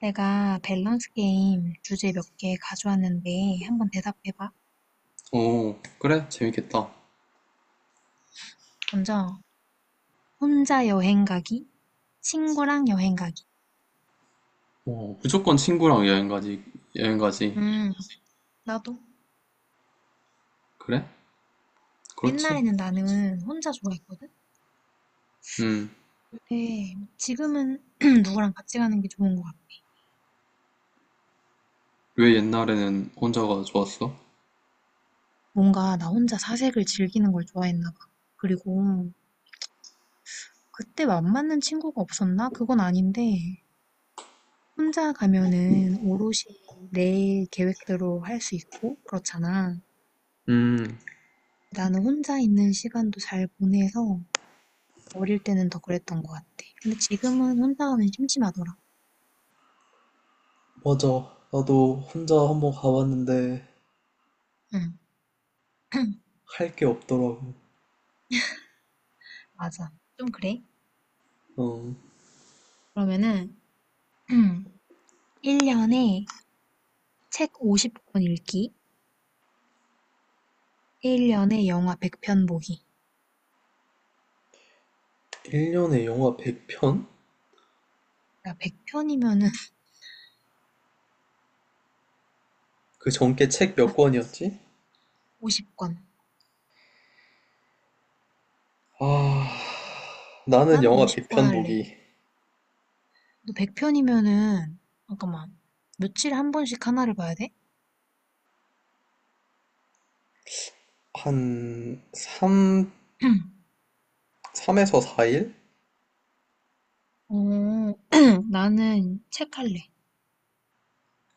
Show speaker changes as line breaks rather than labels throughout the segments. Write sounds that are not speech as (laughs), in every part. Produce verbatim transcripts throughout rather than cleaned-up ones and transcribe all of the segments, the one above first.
내가 밸런스 게임 주제 몇 개 가져왔는데 한번 대답해봐.
오, 그래? 재밌겠다.
먼저, 혼자 여행 가기, 친구랑 여행 가기.
오, 무조건 친구랑 여행 가지, 여행 가지.
음, 나도.
그래? 그렇지.
옛날에는 나는 혼자 좋아했거든?
음,
근데 지금은 (clears throat) 누구랑 같이 가는 게 좋은 것 같아.
왜 옛날에는 혼자가 좋았어?
뭔가 나 혼자 사색을 즐기는 걸 좋아했나 봐. 그리고 그때 맘 맞는 친구가 없었나? 그건 아닌데, 혼자 가면은 오롯이 내 계획대로 할 수 있고, 그렇잖아.
음,
나는 혼자 있는 시간도 잘 보내서 어릴 때는 더 그랬던 것 같아. 근데 지금은 혼자 가면 심심하더라.
맞아. 나도 혼자 한번 가봤는데,
응, 맞아. 좀 그래.
어,
그러면은 (clears throat) 일 년에 책 오십 권 읽기, 일 년에 영화 백 편 보기.
일 년에 영화 백 편?
야, 백 편이면은
그 전께 책 몇 권이었지?
오십 권.
아,
(laughs)
나는
나는
영화
오십 권
백 편
할래.
보기.
너 백 편이면은 잠깐만. 며칠에 한 번씩 하나를 봐야 돼?
한 삼,
(clears throat)
삼에서 사 일?
어, (clears throat) 나는 책 할래.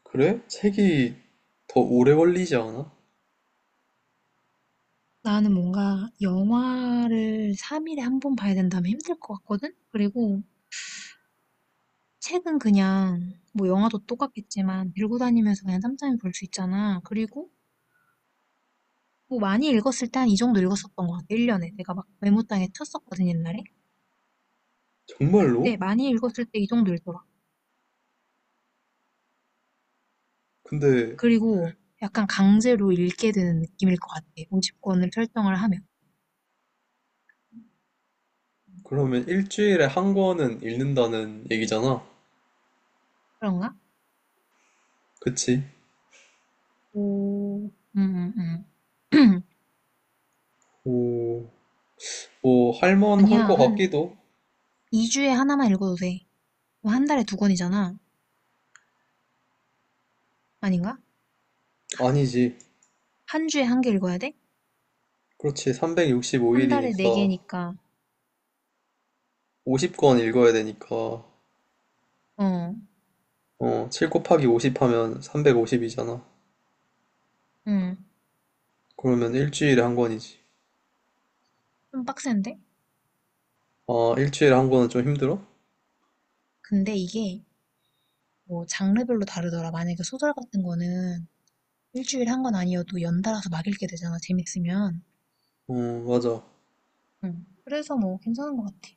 그래? 책이 더 오래 걸리지 않아?
나는 뭔가 영화를 삼 일에 한 번 봐야 된다면 힘들 것 같거든? 그리고 책은 그냥 뭐 영화도 똑같겠지만 들고 다니면서 그냥 짬짬이 볼 수 있잖아. 그리고 뭐 많이 읽었을 때 한 이 정도 읽었었던 것 같아. 일 년에. 내가 막 메모장에 쳤었거든, 옛날에.
정말로?
그때 많이 읽었을 때 이 정도 읽더라.
근데
그리고 약간 강제로 읽게 되는 느낌일 것 같아. 오십 권을 설정을 하면.
그러면 일주일에 한 권은 읽는다는 얘기잖아.
그런가?
그치?
오, 응, 응, 응. (clears throat)
오, 뭐, 할만한
아니야,
거
한
같기도.
이 주에 하나만 읽어도 돼. 뭐한 달에 두 권이잖아. 아닌가?
아니지.
한 주에 한 개 읽어야 돼?
그렇지.
한 달에
삼백육십오 일이니까
네 개니까,
오십 권 읽어야 되니까,
어,
어, 칠 곱하기 오십 하면 삼백오십이잖아.
응,
그러면 일주일에 한 권이지.
좀 빡센데?
아, 일주일에 한 권은 좀 힘들어?
근데 이게 뭐 장르별로 다르더라. 만약에 소설 같은 거는 일주일에 한 건 아니어도 연달아서 막 읽게 되잖아, 재밌으면.
어, 맞아.
응. 그래서 뭐 괜찮은 것 같아.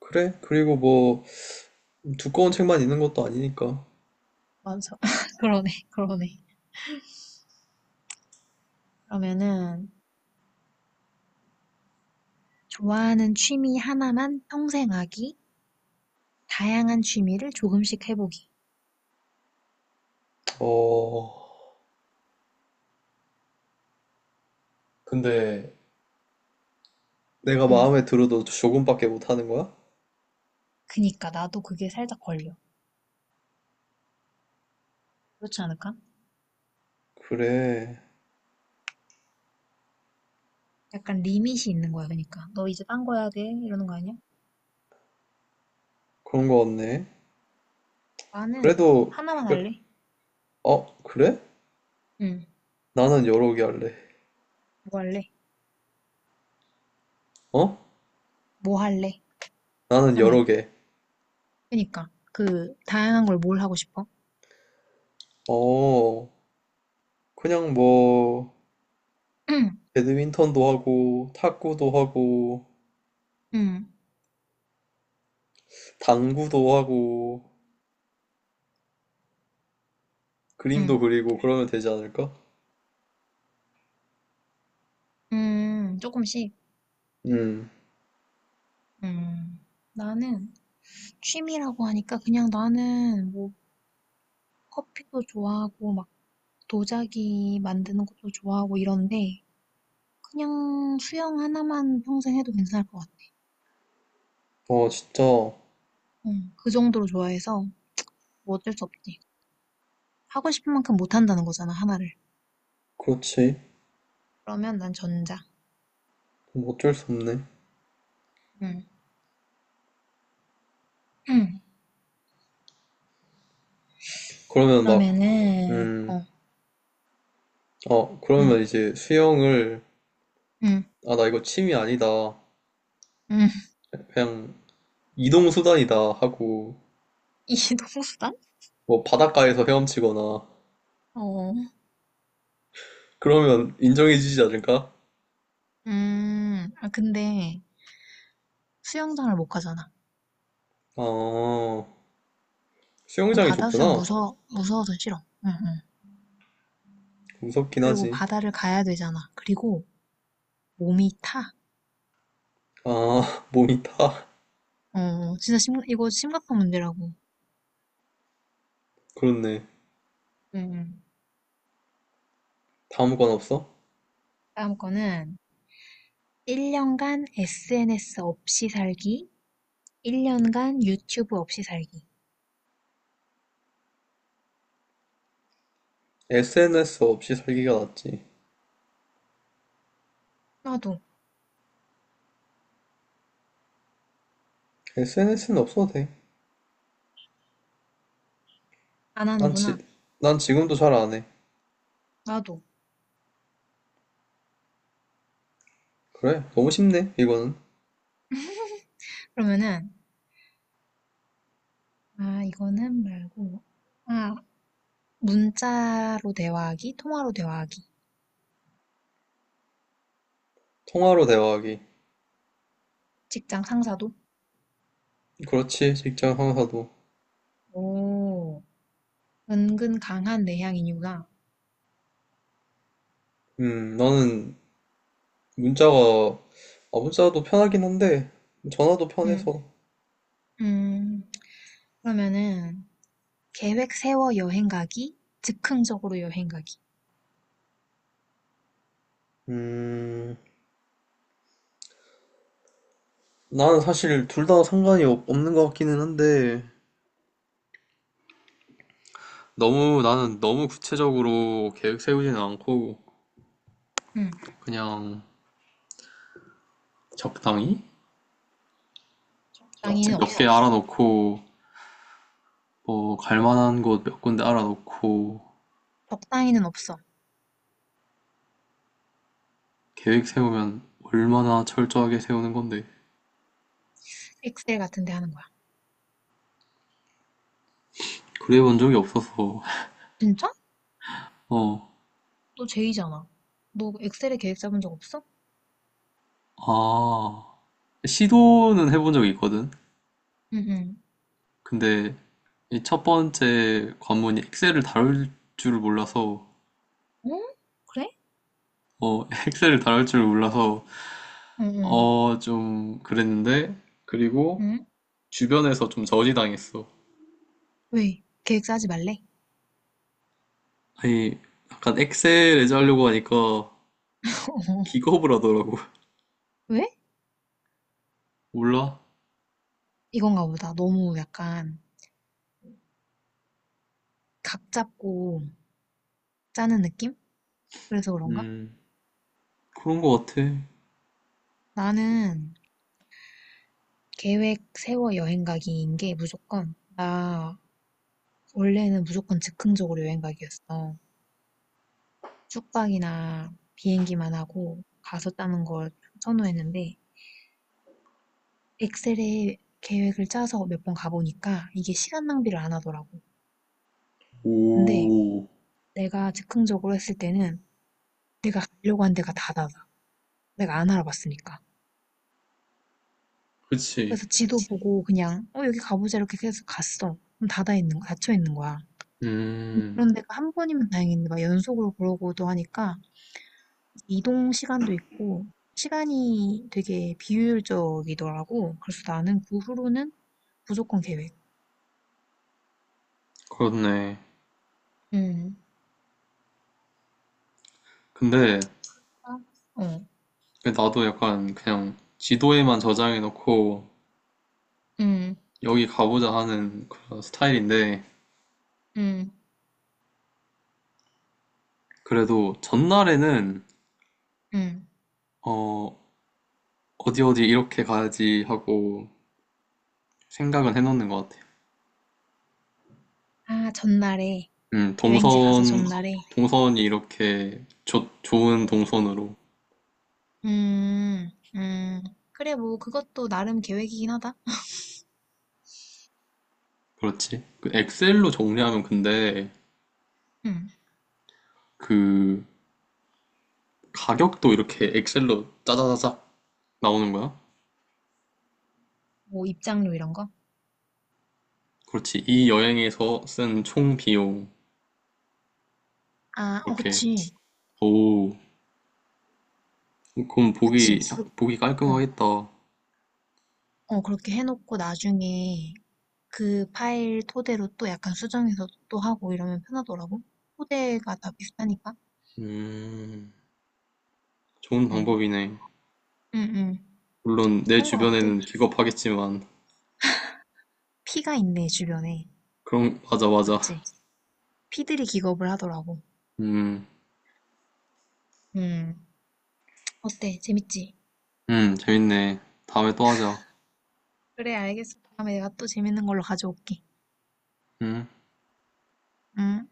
그래? 그리고 뭐, 두꺼운 책만 있는 것도 아니니까.
맞아. (laughs) 그러네, 그러네. 그러면은, 좋아하는 취미 하나만 평생 하기, 다양한 취미를 조금씩 해보기.
어, 근데 내가
응.
마음에 들어도 조금밖에 못 하는 거야?
그니까 나도 그게 살짝 걸려. 그렇지 않을까?
그래.
약간 리밋이 있는 거야, 그러니까. 너 이제 딴 거 해야 돼? 이러는 거 아니야?
그런 거 같네.
나는
그래도,
하나만
그래.
할래.
어, 그래?
응.
나는 여러 개 할래.
뭐 할래?
어?
뭐 할래?
나는 여러
하면.
개.
그러니까 그 다양한 걸 뭘 하고 싶어?
어, 그냥 뭐
응.
배드민턴도 하고 탁구도 하고
응.
당구도 하고 그림도
응.
그리고 그러면 되지 않을까?
음, 조금씩.
음.
음. 나는 취미라고 하니까 그냥 나는 뭐 커피도 좋아하고 막 도자기 만드는 것도 좋아하고 이런데 그냥 수영 하나만 평생 해도 괜찮을 것 같아.
어, 진짜
응. 그 정도로 좋아해서 뭐 어쩔 수 없지. 하고 싶은 만큼 못 한다는 거잖아, 하나를.
그렇지.
그러면 난 전자.
뭐 어쩔 수 없네.
응. 응.
그러면 막,
그러면은,
음.
어,
어, 그러면
응,
이제 수영을,
응,
아, 나 이거 취미 아니다.
응. (laughs)
그냥 이동 수단이다 하고
이 동수단?
뭐 바닷가에서 헤엄치거나
어,
그러면 인정해주지 않을까?
음, 아, 근데 수영장을 못 가잖아.
아,
난
수영장이
바다 수영
좋구나.
무서워, 무서워서 싫어. 응, 응.
무섭긴
그리고
하지.
바다를 가야 되잖아. 그리고 몸이 타.
아, (laughs) 몸이 타.
어, 진짜 심, 이거 심각한 문제라고.
그렇네.
응, 응.
다음 건 없어?
다음 거는 일 년간 에스엔에스 없이 살기, 일 년간 유튜브 없이 살기.
에스엔에스 없이 살기가 낫지.
나도
에스엔에스는 없어도 돼.
안
난 지,
하는구나.
난 지금도 잘 안 해.
나도.
그래, 너무 쉽네, 이거는.
그러면은, 아, 이거는 말고, 아, 문자로 대화하기, 통화로 대화하기.
통화로 대화하기.
직장 상사도.
그렇지, 직장 상사도.
오, 은근 강한 내향인 이유가.
음, 나는 문자가, 아, 문자도 편하긴 한데, 전화도
음,
편해서.
음, 그러면은, 계획 세워 여행 가기, 즉흥적으로 여행 가기.
음, 나는 사실 둘 다 상관이 없, 없는 것 같기는 한데, 너무 나는 너무 구체적으로 계획 세우지는 않고
음,
그냥 적당히
적당히는
맛집 몇 개 적당해야지.
없어.
알아놓고, 뭐 갈 만한 곳 몇 군데 알아놓고.
적당히는 없어.
계획 세우면 얼마나 철저하게 세우는 건데?
엑셀 같은 데 하는 거야.
그래 본 적이 없어서.
진짜?
어,
너 제이잖아. 너 엑셀에 계획 짜본 적 없어?
아, 시도는 해본 적이 있거든.
응, 응.
근데 이 첫 번째 관문이 엑셀을 다룰 줄을 몰라서.
어? 그래?
어, (laughs) 엑셀을 다룰 줄을 몰라서
응, 응.
어, 좀 그랬는데, 그리고
응?
주변에서 좀 저지당했어.
왜? 계획 짜지 말래?
아니, 약간 엑셀 예제 하려고 하니까
(laughs)
기겁을 하더라고. (laughs)
왜?
몰라?
이건가 보다. 너무 약간 각 잡고 짜는 느낌? 그래서 그런가?
음, 그런 거 같아.
나는 계획 세워 여행 가기인 게 무조건 나, 원래는 무조건 즉흥적으로 여행 가기였어. 숙박이나 비행기만 하고 가서 짜는 걸 선호했는데 엑셀에 계획을 짜서 몇 번 가보니까 이게 시간 낭비를 안 하더라고. 근데
오,
내가 즉흥적으로 했을 때는 내가 가려고 한 데가 다 닫아. 내가 안 알아봤으니까.
그치.
그래서 지도 보고 그냥 어 여기 가보자 이렇게 계속 갔어. 그럼 닫아 있는 거, 닫혀 있는 거야.
음,
그런 데가 한 번이면 다행인데 막 연속으로 그러고도 하니까 이동 시간도 있고 시간이 되게 비효율적이더라고. 그래서 나는 그 후로는 무조건 계획.
그렇네.
음,
근데
아, 어.
나도 약간 그냥 지도에만 저장해놓고
음,
여기 가보자 하는 그런 스타일인데,
음,
그래도 전날에는,
음.
어, 어디 어디 이렇게 가야지 하고 생각은 해놓는 것 같아.
아, 전날에.
음,
여행지 가서
동선,
전날에
동선이 이렇게 좋 좋은 동선으로.
음, 음. 그래, 뭐, 그것도 나름 계획이긴 하다.
그렇지. 그 엑셀로 정리하면, 근데
음.
그 가격도 이렇게 엑셀로 짜자자작 나오는 거야?
뭐, 입장료 이런 거?
그렇지. 이 여행에서 쓴 총 비용.
아, 어,
이렇게.
그치.
오, 그럼 보기,
그치. 그-
보기
어,
깔끔하겠다.
어, 그렇게 해놓고 나중에 그 파일 토대로 또 약간 수정해서 또 하고 이러면 편하더라고. 토대가 다 비슷하니까.
음, 좋은
응,
방법이네.
응, 응.
물론 내
그런 것 같아.
주변에는 기겁하겠지만.
피가 있네, 주변에.
그럼, 맞아, 맞아.
맞지? 피들이 기겁을 하더라고.
음,
음. 어때? 재밌지?
음, 재밌네. 다음에 또 하자.
그래, 알겠어. 다음에 내가 또 재밌는 걸로 가져올게.
음.
응?